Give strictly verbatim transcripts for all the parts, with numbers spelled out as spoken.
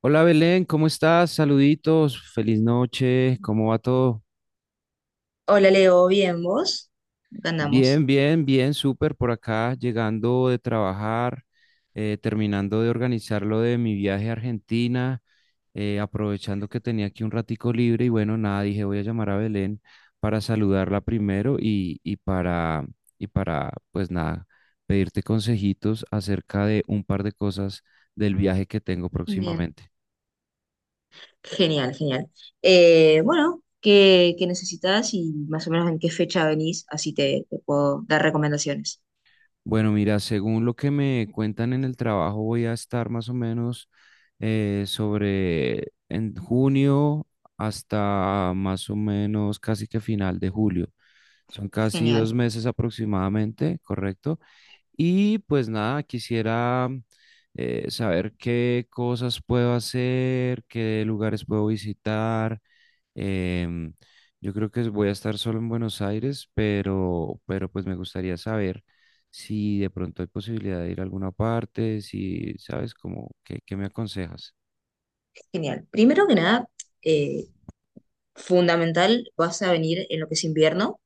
Hola Belén, ¿cómo estás? Saluditos, feliz noche, ¿cómo va todo? Hola Leo, bien, ¿vos? Acá Bien, andamos. bien, bien, súper por acá, llegando de trabajar, eh, terminando de organizar lo de mi viaje a Argentina, eh, aprovechando que tenía aquí un ratico libre y bueno, nada, dije voy a llamar a Belén para saludarla primero y, y para, y para, pues nada, pedirte consejitos acerca de un par de cosas del viaje que tengo Bien, próximamente. genial, genial. Eh, bueno, ¿qué, qué necesitas y más o menos en qué fecha venís? Así te, te puedo dar recomendaciones. Bueno, mira, según lo que me cuentan en el trabajo, voy a estar más o menos eh, sobre en junio hasta más o menos casi que final de julio. Son casi dos Genial, meses aproximadamente, ¿correcto? Y pues nada, quisiera eh, saber qué cosas puedo hacer, qué lugares puedo visitar. Em, yo creo que voy a estar solo en Buenos Aires, pero, pero pues me gustaría saber si de pronto hay posibilidad de ir a alguna parte, si sabes como qué, qué me aconsejas. genial. Primero que nada, eh, fundamental, vas a venir en lo que es invierno,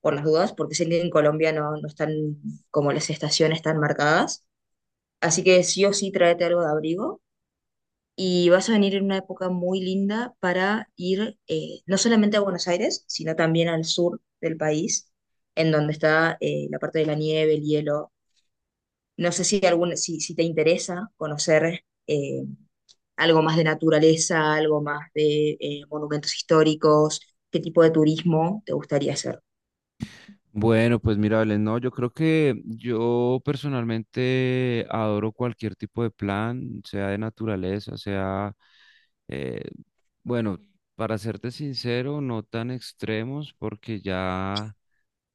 por las dudas, porque sé que en Colombia no, no están como las estaciones tan marcadas. Así que sí o sí tráete algo de abrigo y vas a venir en una época muy linda para ir eh, no solamente a Buenos Aires, sino también al sur del país, en donde está eh, la parte de la nieve, el hielo. No sé si, algún, si, si te interesa conocer eh, algo más de naturaleza, algo más de eh, monumentos históricos, qué tipo de turismo te gustaría hacer. Bueno, pues mira, Belén, no, yo creo que yo personalmente adoro cualquier tipo de plan, sea de naturaleza, sea, eh, bueno, para serte sincero, no tan extremos, porque ya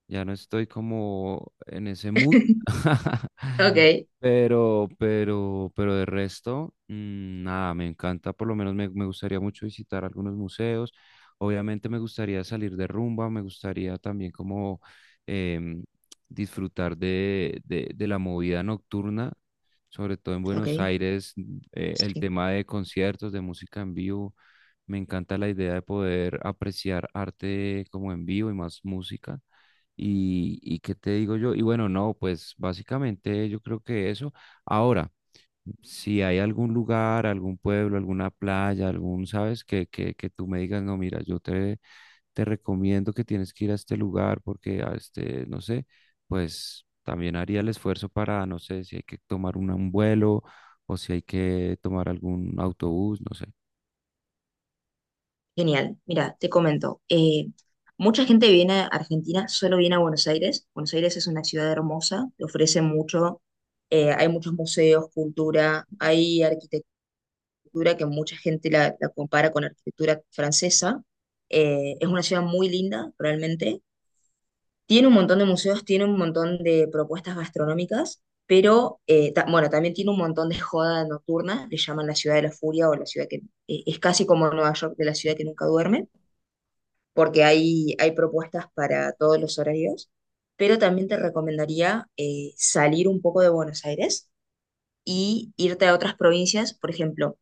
ya no estoy como en ese mood. Ok, Pero, pero, pero de resto, mm, nada, me encanta, por lo menos me, me gustaría mucho visitar algunos museos. Obviamente me gustaría salir de rumba, me gustaría también como em, disfrutar de, de, de la movida nocturna, sobre todo en ok, Buenos Aires, mm, eh, el sí. tema de conciertos, de música en vivo. Me encanta la idea de poder apreciar arte como en vivo y más música. Y, y qué te digo yo, y bueno, no, pues básicamente yo creo que eso. Ahora, si hay algún lugar, algún pueblo, alguna playa, algún, sabes, que, que, que tú me digas, no, mira, yo te, te recomiendo que tienes que ir a este lugar porque a este, no sé, pues también haría el esfuerzo para, no sé, si hay que tomar una- un vuelo o si hay que tomar algún autobús, no sé. Genial. Mira, te comento. Eh, mucha gente viene a Argentina, solo viene a Buenos Aires. Buenos Aires es una ciudad hermosa, te ofrece mucho. Eh, hay muchos museos, cultura, hay arquitectura que mucha gente la, la compara con arquitectura francesa. Eh, es una ciudad muy linda, realmente. Tiene un montón de museos, tiene un montón de propuestas gastronómicas, pero eh, ta- bueno, también tiene un montón de joda nocturna, le llaman la ciudad de la furia o la ciudad que eh, es casi como Nueva York, de la ciudad que nunca duerme, porque hay, hay propuestas para todos los horarios, pero también te recomendaría eh, salir un poco de Buenos Aires y irte a otras provincias, por ejemplo,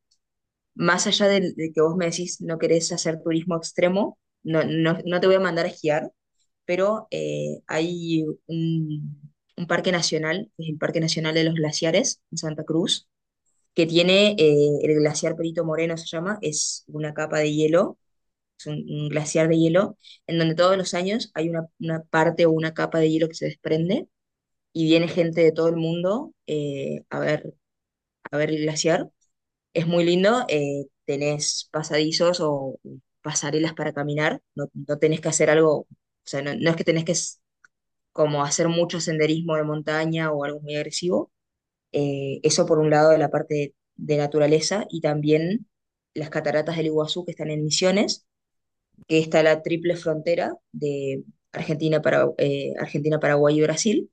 más allá del- de, que vos me decís no querés hacer turismo extremo, no, no, no te voy a mandar a esquiar, pero eh, hay un, un parque nacional, que es el Parque Nacional de los Glaciares en Santa Cruz, que tiene eh, el glaciar Perito Moreno, se llama, es una capa de hielo, es un, un glaciar de hielo, en donde todos los años hay una, una parte o una capa de hielo que se desprende, y viene gente de todo el mundo eh, a ver, a ver el glaciar. Es muy lindo, eh, tenés pasadizos o pasarelas para caminar, no, no tenés que hacer algo, o sea, no, no es que tenés que s- como hacer mucho senderismo de montaña o algo muy agresivo. Eh, eso por un lado de la parte de, de naturaleza, y también las cataratas del Iguazú, que están en Misiones, que está la triple frontera de Argentina, para, eh, Argentina, Paraguay y Brasil.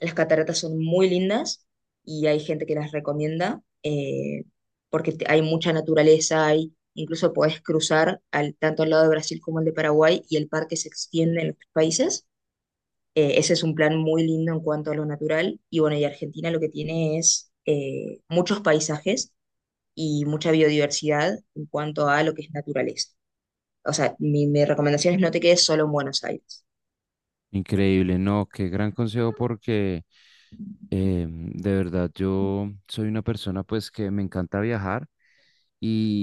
Las cataratas son muy lindas y hay gente que las recomienda eh, porque te- hay mucha naturaleza, hay, incluso podés cruzar al, tanto al lado de Brasil como al de Paraguay, y el parque se extiende en los tres países. Eh, ese es un plan muy lindo en cuanto a lo natural. Y bueno, y Argentina lo que tiene es eh, muchos paisajes y mucha biodiversidad en cuanto a lo que es naturaleza. O sea, mi, mi recomendación es no te quedes solo en Buenos Aires. Increíble, no, qué gran consejo porque... Eh, de verdad, yo soy una persona pues que me encanta viajar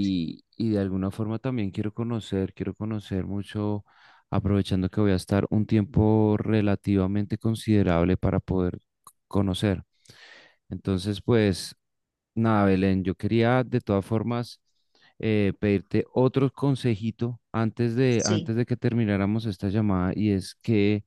Sí. y de alguna forma también quiero conocer, quiero conocer mucho, aprovechando que voy a estar un tiempo relativamente considerable para poder c- conocer. Entonces, pues nada, Belén, yo quería de todas formas eh, pedirte otro consejito antes de, Sí. antes de que termináramos esta llamada y es que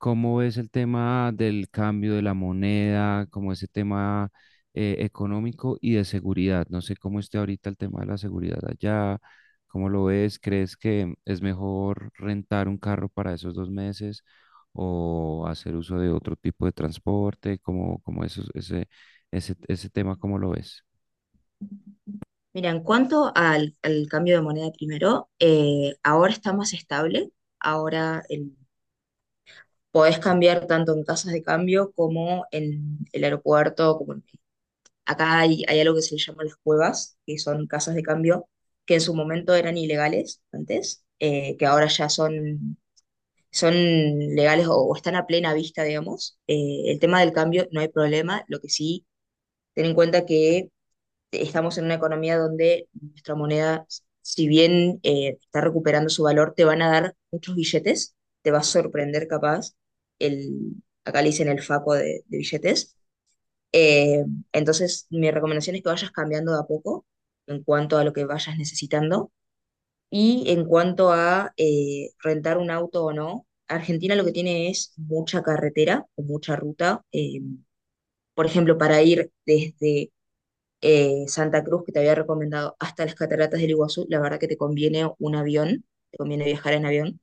¿cómo ves el tema del cambio de la moneda, como ese tema eh, económico y de seguridad? No sé cómo esté ahorita el tema de la seguridad allá, ¿cómo lo ves? ¿Crees que es mejor rentar un carro para esos dos meses o hacer uso de otro tipo de transporte? ¿Cómo, cómo eso, ese, ese, ese tema, cómo lo ves? Mira, en cuanto al, al cambio de moneda primero, eh, ahora está más estable. Ahora el- podés cambiar tanto en casas de cambio como en el aeropuerto. Como en- acá hay, hay algo que se le llama las cuevas, que son casas de cambio que en su momento eran ilegales antes, eh, que ahora ya son, son legales o, o están a plena vista, digamos. Eh, el tema del cambio no hay problema. Lo que sí, ten en cuenta que estamos en una economía donde nuestra moneda, si bien eh, está recuperando su valor, te van a dar muchos billetes, te va a sorprender capaz, el, acá le dicen el faco de, de billetes. Eh, entonces, mi recomendación es que vayas cambiando de a poco en cuanto a lo que vayas necesitando. Y en cuanto a eh, rentar un auto o no, Argentina lo que tiene es mucha carretera o mucha ruta. Eh, por ejemplo, para ir desde eh, Santa Cruz, que te había recomendado, hasta las cataratas del Iguazú, la verdad que te conviene un avión, te conviene viajar en avión,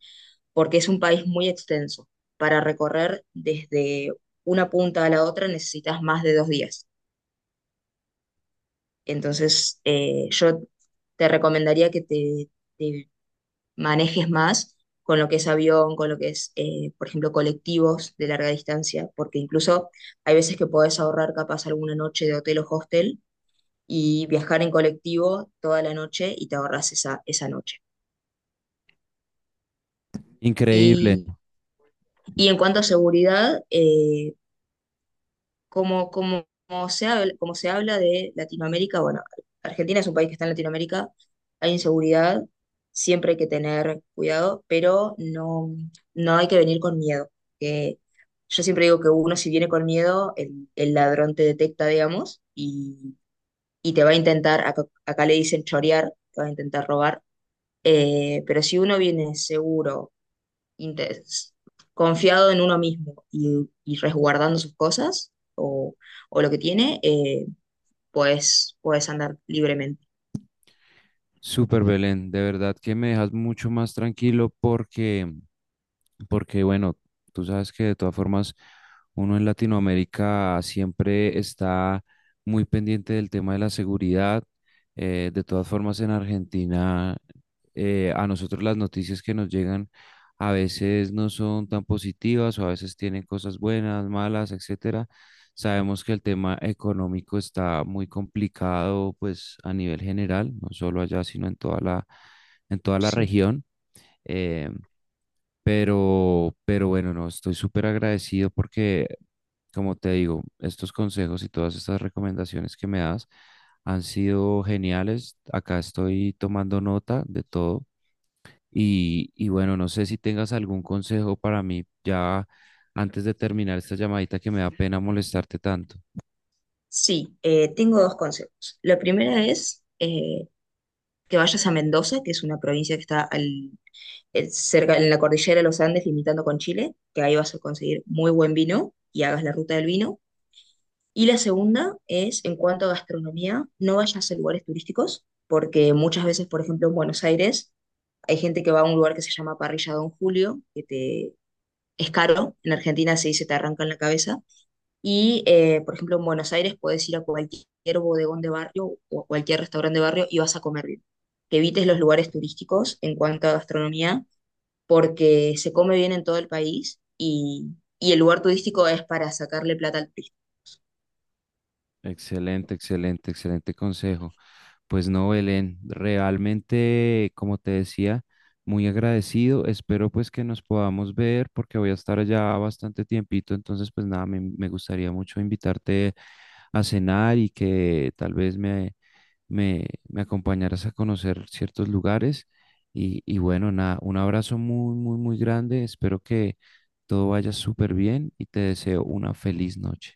porque es un país muy extenso. Para recorrer desde una punta a la otra necesitas más de dos días. Entonces, eh, yo te recomendaría que te, te manejes más con lo que es avión, con lo que es, eh, por ejemplo, colectivos de larga distancia, porque incluso hay veces que podés ahorrar capaz alguna noche de hotel o hostel y viajar en colectivo toda la noche y te ahorras esa, esa noche. Increíble, Y, y en cuanto a seguridad, eh, como, como, como se habla, como se habla de Latinoamérica, bueno, Argentina es un país que está en Latinoamérica, hay inseguridad, siempre hay que tener cuidado, pero no, no hay que venir con miedo. Que yo siempre digo que uno si viene con miedo, el, el ladrón te detecta, digamos, y, y te va a intentar, acá, acá le dicen chorear, te va a intentar robar. Eh, pero si uno viene seguro, inte- confiado en uno mismo y, y resguardando sus cosas o, o lo que tiene, eh, pues puedes andar libremente. súper Belén, de verdad que me dejas mucho más tranquilo porque porque bueno, tú sabes que de todas formas uno en Latinoamérica siempre está muy pendiente del tema de la seguridad. Eh, de todas formas en Argentina eh, a nosotros las noticias que nos llegan a veces no son tan positivas o a veces tienen cosas buenas, malas, etcétera. Sabemos que el tema económico está muy complicado pues a nivel general, no solo allá, sino en toda la, en toda la Sí, región. Eh, pero, pero bueno, no, estoy súper agradecido porque, como te digo, estos consejos y todas estas recomendaciones que me das han sido geniales. Acá estoy tomando nota de todo. Y, y bueno, no sé si tengas algún consejo para mí ya antes de terminar esta llamadita que me da pena molestarte tanto. sí eh, tengo dos consejos. La primera es eh, que vayas a Mendoza, que es una provincia que está al, eh, cerca en la cordillera de los Andes, limitando con Chile, que ahí vas a conseguir muy buen vino y hagas la ruta del vino. Y la segunda es, en cuanto a gastronomía, no vayas a lugares turísticos, porque muchas veces, por ejemplo, en Buenos Aires, hay gente que va a un lugar que se llama Parrilla Don Julio, que te, es caro, en Argentina se dice te arranca en la cabeza, y eh, por ejemplo en Buenos Aires puedes ir a cualquier bodegón de barrio o a cualquier restaurante de barrio y vas a comer bien. Que evites los lugares turísticos en cuanto a gastronomía, porque se come bien en todo el país, y, y el lugar turístico es para sacarle plata al turista. Excelente, excelente, excelente consejo. Pues no, Belén, realmente, como te decía, muy agradecido. Espero pues que nos podamos ver porque voy a estar allá bastante tiempito. Entonces, pues nada, me, me gustaría mucho invitarte a cenar y que tal vez me, me, me acompañaras a conocer ciertos lugares. Y, y bueno, nada, un abrazo muy, muy, muy grande. Espero que todo vaya súper bien y te deseo una feliz noche.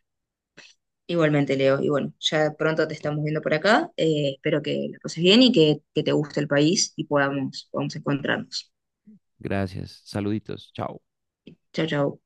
Igualmente, Leo. Y bueno, ya pronto te estamos viendo por acá. Eh, espero que la pases bien y que, que te guste el país y podamos, podamos encontrarnos. Gracias. Saluditos. Chao. Chao, chao.